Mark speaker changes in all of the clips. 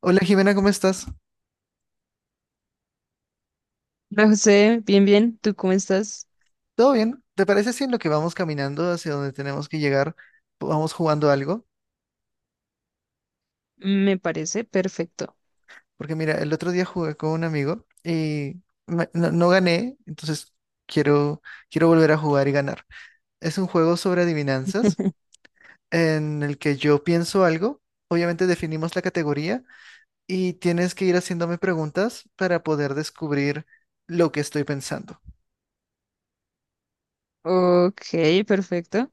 Speaker 1: Hola Jimena, ¿cómo estás?
Speaker 2: Hola José, bien, bien, ¿tú cómo estás?
Speaker 1: ¿Todo bien? ¿Te parece si en lo que vamos caminando hacia donde tenemos que llegar, vamos jugando algo?
Speaker 2: Me parece perfecto.
Speaker 1: Porque mira, el otro día jugué con un amigo y no, no gané, entonces quiero, quiero volver a jugar y ganar. Es un juego sobre adivinanzas en el que yo pienso algo, obviamente definimos la categoría y tienes que ir haciéndome preguntas para poder descubrir lo que estoy pensando.
Speaker 2: Ok, perfecto.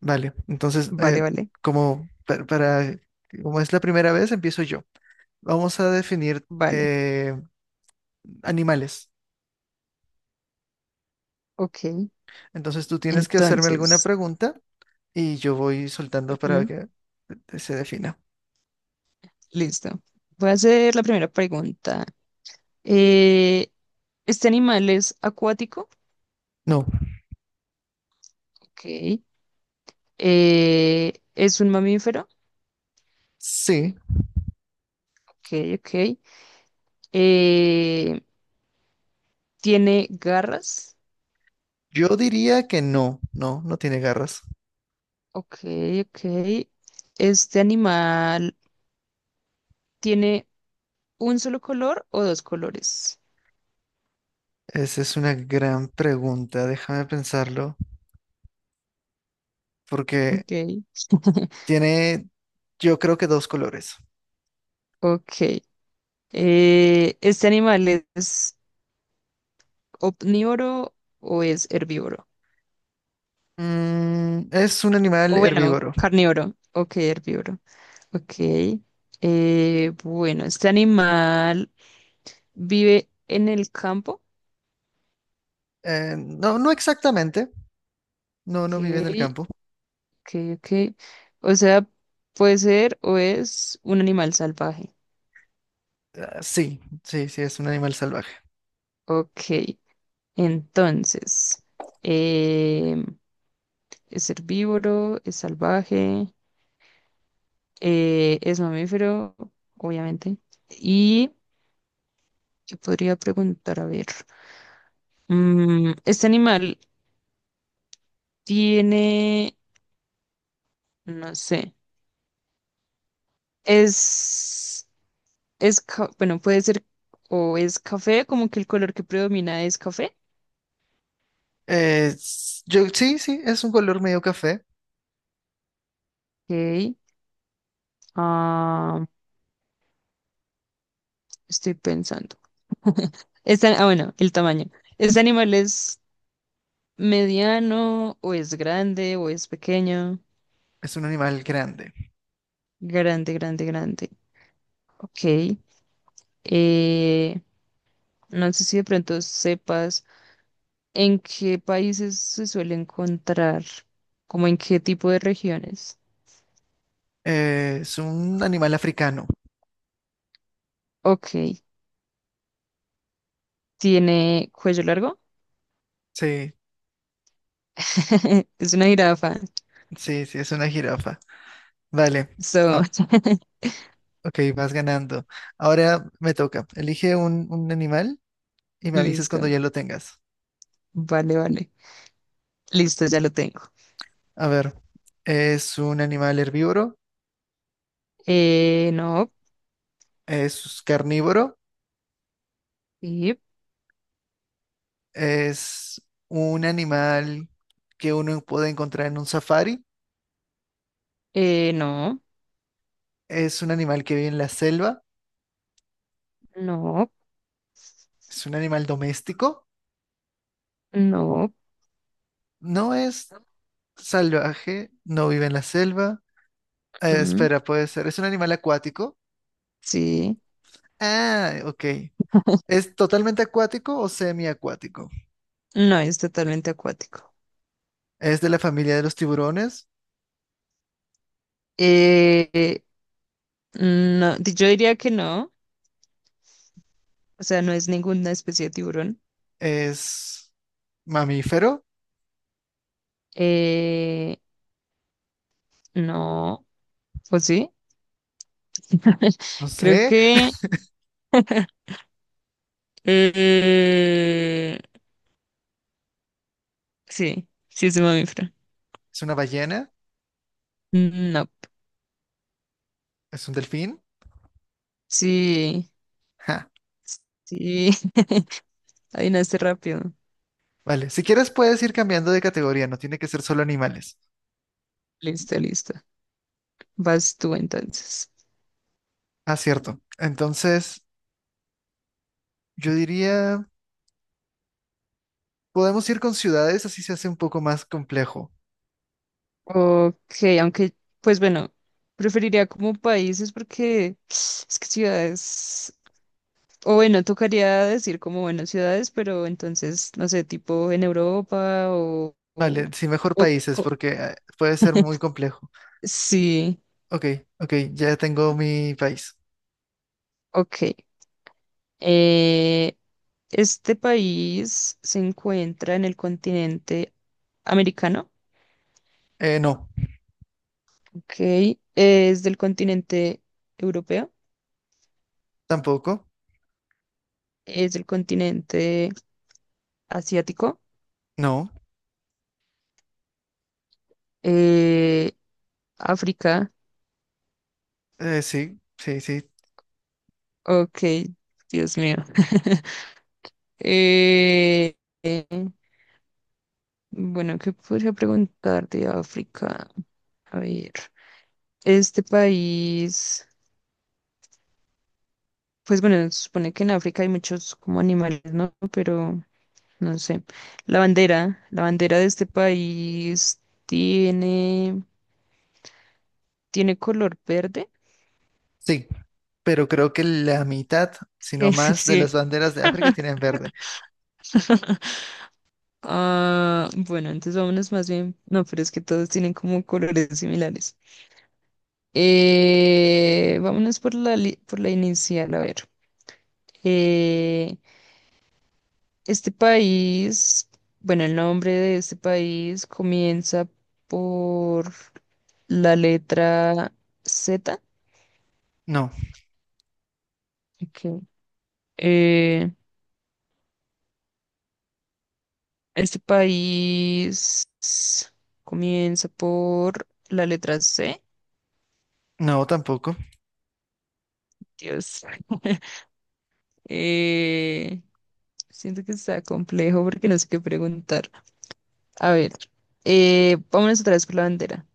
Speaker 1: Vale, entonces,
Speaker 2: Vale, vale,
Speaker 1: como, para, como es la primera vez, empiezo yo. Vamos a definir
Speaker 2: vale.
Speaker 1: animales.
Speaker 2: Ok,
Speaker 1: Entonces tú tienes que hacerme alguna
Speaker 2: entonces,
Speaker 1: pregunta y yo voy soltando para
Speaker 2: ujú,
Speaker 1: que se defina.
Speaker 2: listo. Voy a hacer la primera pregunta. Eh, ¿Este animal es acuático?
Speaker 1: No.
Speaker 2: Ok. ¿Es un mamífero?
Speaker 1: Sí.
Speaker 2: Ok, ok. Eh, ¿Tiene garras?
Speaker 1: Yo diría que no, no, no tiene garras.
Speaker 2: Ok, ok. ¿Este animal tiene un solo color o dos colores?
Speaker 1: Esa es una gran pregunta, déjame pensarlo, porque
Speaker 2: Ok,
Speaker 1: tiene, yo creo que dos colores.
Speaker 2: ok. ¿Este animal es omnívoro o es herbívoro?
Speaker 1: Es un animal
Speaker 2: O bueno,
Speaker 1: herbívoro.
Speaker 2: carnívoro. Ok, herbívoro. Ok. Bueno, ¿este animal vive en el campo?
Speaker 1: No, no exactamente. No,
Speaker 2: Ok,
Speaker 1: no vive en el campo.
Speaker 2: ok, ok. O sea, puede ser o es un animal salvaje.
Speaker 1: Ah, sí, sí, sí, es un animal salvaje.
Speaker 2: Ok, entonces, em, es herbívoro, es salvaje. Es mamífero, obviamente. Y yo podría preguntar, a ver, este animal tiene, no sé, es, bueno, puede ser o es café, como que el color que predomina es café.
Speaker 1: Yo, sí, sí, es un color medio café.
Speaker 2: Ok, ah, estoy pensando. Ah, bueno, el tamaño. ¿Este animal es mediano o es grande o es pequeño?
Speaker 1: Es un animal grande.
Speaker 2: Grande, grande, grande. Ok. Eh, No sé si de pronto sepas en qué países se suele encontrar, como en qué tipo de regiones.
Speaker 1: Es un animal africano.
Speaker 2: Ok, ¿tiene cuello largo?
Speaker 1: Sí,
Speaker 2: Es una jirafa.
Speaker 1: sí, sí, es una jirafa. Vale.
Speaker 2: So,
Speaker 1: Ah, ok, vas ganando. Ahora me toca. Elige un animal y me avisas cuando
Speaker 2: listo.
Speaker 1: ya lo tengas.
Speaker 2: Vale, vale. Listo, ya lo tengo.
Speaker 1: A ver, es un animal herbívoro,
Speaker 2: No.
Speaker 1: es carnívoro,
Speaker 2: sí,
Speaker 1: es un animal que uno puede encontrar en un safari,
Speaker 2: Eh, no.
Speaker 1: es un animal que vive en la selva,
Speaker 2: No.
Speaker 1: es un animal doméstico.
Speaker 2: No.
Speaker 1: No es salvaje, no vive en la selva.
Speaker 2: Mm,
Speaker 1: Espera, puede ser. ¿Es un animal acuático?
Speaker 2: sí.
Speaker 1: Ah, ok. ¿Es totalmente acuático o semiacuático?
Speaker 2: No, es totalmente acuático.
Speaker 1: ¿Es de la familia de los tiburones?
Speaker 2: Eh, no, yo diría que no. O sea, no es ninguna especie de tiburón.
Speaker 1: ¿Es mamífero?
Speaker 2: Eh, no, pues sí.
Speaker 1: No
Speaker 2: Creo
Speaker 1: sé.
Speaker 2: que eh, sí, sí es un mamífero.
Speaker 1: ¿Es una ballena?
Speaker 2: Mm, no,
Speaker 1: ¿Es un delfín?
Speaker 2: sí,
Speaker 1: Ja.
Speaker 2: sí, adivinaste rápido.
Speaker 1: Vale, si quieres puedes ir cambiando de categoría, no tiene que ser solo animales.
Speaker 2: Listo, listo. Vas tú entonces.
Speaker 1: Ah, cierto. Entonces, yo diría, podemos ir con ciudades, así se hace un poco más complejo.
Speaker 2: Ok, aunque, pues bueno, preferiría como países porque es que ciudades. O bueno, tocaría decir como, bueno, ciudades, pero entonces, no sé, tipo en Europa
Speaker 1: Vale, sí, mejor
Speaker 2: o
Speaker 1: países,
Speaker 2: co-
Speaker 1: porque puede ser muy complejo.
Speaker 2: sí,
Speaker 1: Ok, ok, ya tengo mi país.
Speaker 2: ok. Eh, este país se encuentra en el continente americano,
Speaker 1: No,
Speaker 2: ok. Es del continente europeo,
Speaker 1: tampoco.
Speaker 2: es del continente asiático,
Speaker 1: No,
Speaker 2: eh, África,
Speaker 1: sí, sí, sí,
Speaker 2: ok, Dios mío. Eh, eh, bueno, ¿qué podría preguntar de África? A ver, este país, pues bueno, se supone que en África hay muchos como animales, ¿no? Pero no sé. La bandera de este país tiene, tiene color verde.
Speaker 1: sí. Pero creo que la mitad,
Speaker 2: Es
Speaker 1: si no
Speaker 2: que
Speaker 1: más, de las
Speaker 2: sí.
Speaker 1: banderas de África tienen verde.
Speaker 2: Ah, bueno, entonces vámonos más bien. No, pero es que todos tienen como colores similares. Vámonos por la inicial, a ver. Eh, este país, bueno, el nombre de este país comienza por la letra Z.
Speaker 1: No,
Speaker 2: Ok. Eh, este país comienza por la letra C.
Speaker 1: no, tampoco.
Speaker 2: Dios. Eh, siento que está complejo porque no sé qué preguntar. A ver, vámonos otra vez por la bandera.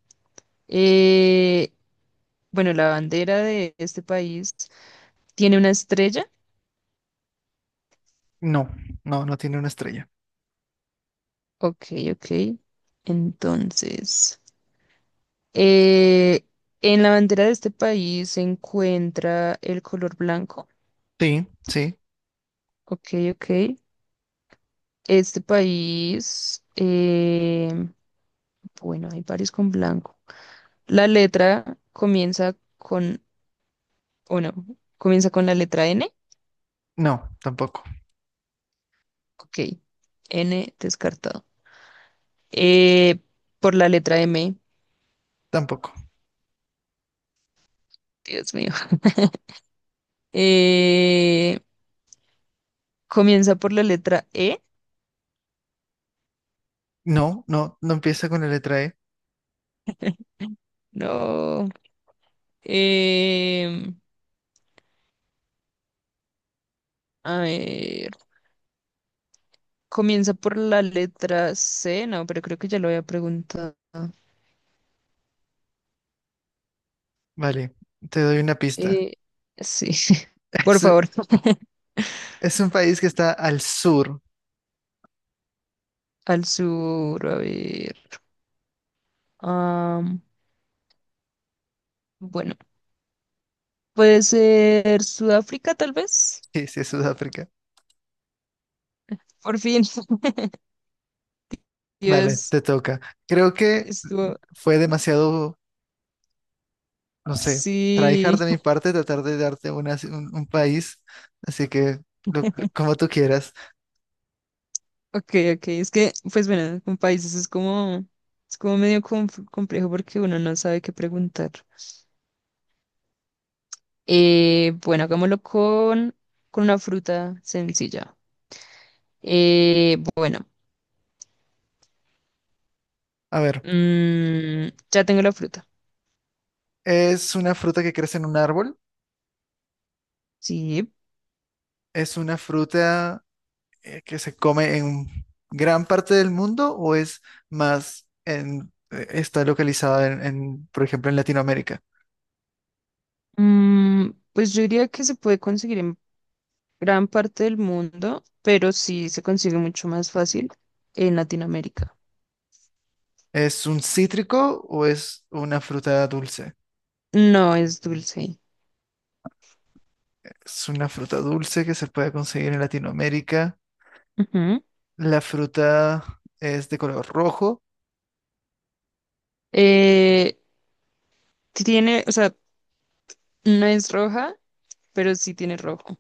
Speaker 2: Eh, bueno, la bandera de este país, ¿tiene una estrella?
Speaker 1: No, no, no tiene una estrella.
Speaker 2: Ok, ok. Entonces, eh, en la bandera de este país se encuentra el color blanco.
Speaker 1: Sí, sí,
Speaker 2: Ok, ok. Este país, bueno, hay varios con blanco. La letra comienza con, o no, comienza con la letra N.
Speaker 1: no, tampoco,
Speaker 2: Ok, N descartado. Eh, por la letra M,
Speaker 1: tampoco.
Speaker 2: Dios mío. Eh, comienza por la letra E.
Speaker 1: No, no, no empieza con la letra E.
Speaker 2: No. Eh, a ver, comienza por la letra C, no, pero creo que ya lo había preguntado.
Speaker 1: Vale, te doy una pista.
Speaker 2: Eh, sí, por
Speaker 1: Es,
Speaker 2: favor,
Speaker 1: es un país que está al sur.
Speaker 2: al sur, a ver. am, bueno, puede ser Sudáfrica, tal vez.
Speaker 1: Sí, sí, es Sudáfrica.
Speaker 2: Por fin,
Speaker 1: Vale,
Speaker 2: Dios,
Speaker 1: te toca. Creo que
Speaker 2: estuvo.
Speaker 1: fue demasiado, no sé,
Speaker 2: Sí,
Speaker 1: tryhard de mi parte tratar de darte un país, así que como tú quieras.
Speaker 2: ok, ok. Es que, pues bueno, con países es como medio complejo porque uno no sabe qué preguntar. Bueno, hagámoslo con una fruta sencilla. Bueno,
Speaker 1: A ver,
Speaker 2: ya tengo la fruta.
Speaker 1: es una fruta que crece en un árbol,
Speaker 2: Sí.
Speaker 1: es una fruta que se come en gran parte del mundo o es más en, está localizada en, por ejemplo, en Latinoamérica.
Speaker 2: Pues yo diría que se puede conseguir en gran parte del mundo, pero sí se consigue mucho más fácil en Latinoamérica.
Speaker 1: ¿Es un cítrico o es una fruta dulce?
Speaker 2: No es dulce.
Speaker 1: Es una fruta dulce que se puede conseguir en Latinoamérica.
Speaker 2: Ujú.
Speaker 1: La fruta es de color rojo,
Speaker 2: Eh, Tiene, o sea, no es roja, pero sí tiene rojo.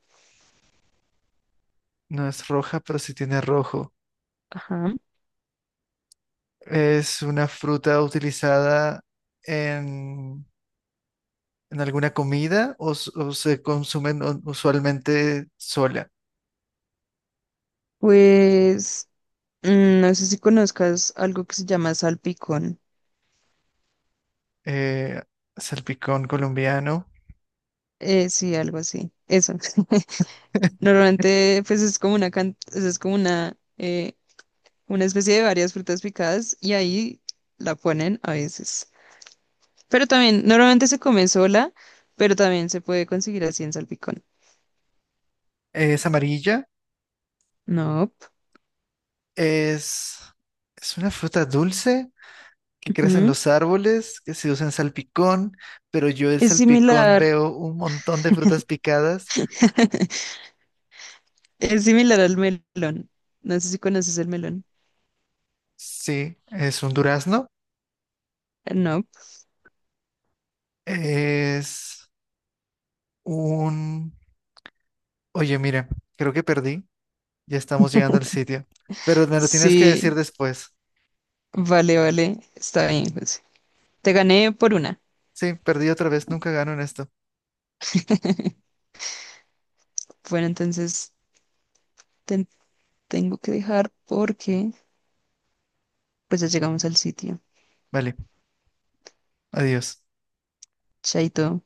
Speaker 1: no es roja, pero sí tiene rojo.
Speaker 2: Ajá.
Speaker 1: Es una fruta utilizada en, en alguna comida o se consumen usualmente sola.
Speaker 2: Pues no sé si conozcas algo que se llama salpicón.
Speaker 1: Eh, salpicón colombiano.
Speaker 2: Sí, algo así. Eso. Normalmente, pues es como o sea, es como una especie de varias frutas picadas y ahí la ponen a veces. Pero también, normalmente se come sola, pero también se puede conseguir así en salpicón.
Speaker 1: Es amarilla,
Speaker 2: No.
Speaker 1: es, es una fruta dulce que crece en
Speaker 2: Ujú.
Speaker 1: los árboles, que se usa en salpicón, pero yo del
Speaker 2: Es
Speaker 1: salpicón
Speaker 2: similar,
Speaker 1: veo un montón de frutas picadas.
Speaker 2: es similar al melón. No sé si conoces el melón.
Speaker 1: Sí, es un durazno.
Speaker 2: No.
Speaker 1: Es un... Oye, mire, creo que perdí. Ya estamos llegando al sitio. Pero me lo tienes que decir
Speaker 2: Sí,
Speaker 1: después.
Speaker 2: vale, vale. Está bien, José. Te gané por una.
Speaker 1: Sí, perdí otra vez. Nunca gano en esto.
Speaker 2: Bueno, entonces te tengo que dejar porque pues ya llegamos al sitio.
Speaker 1: Vale, adiós.
Speaker 2: Chaito.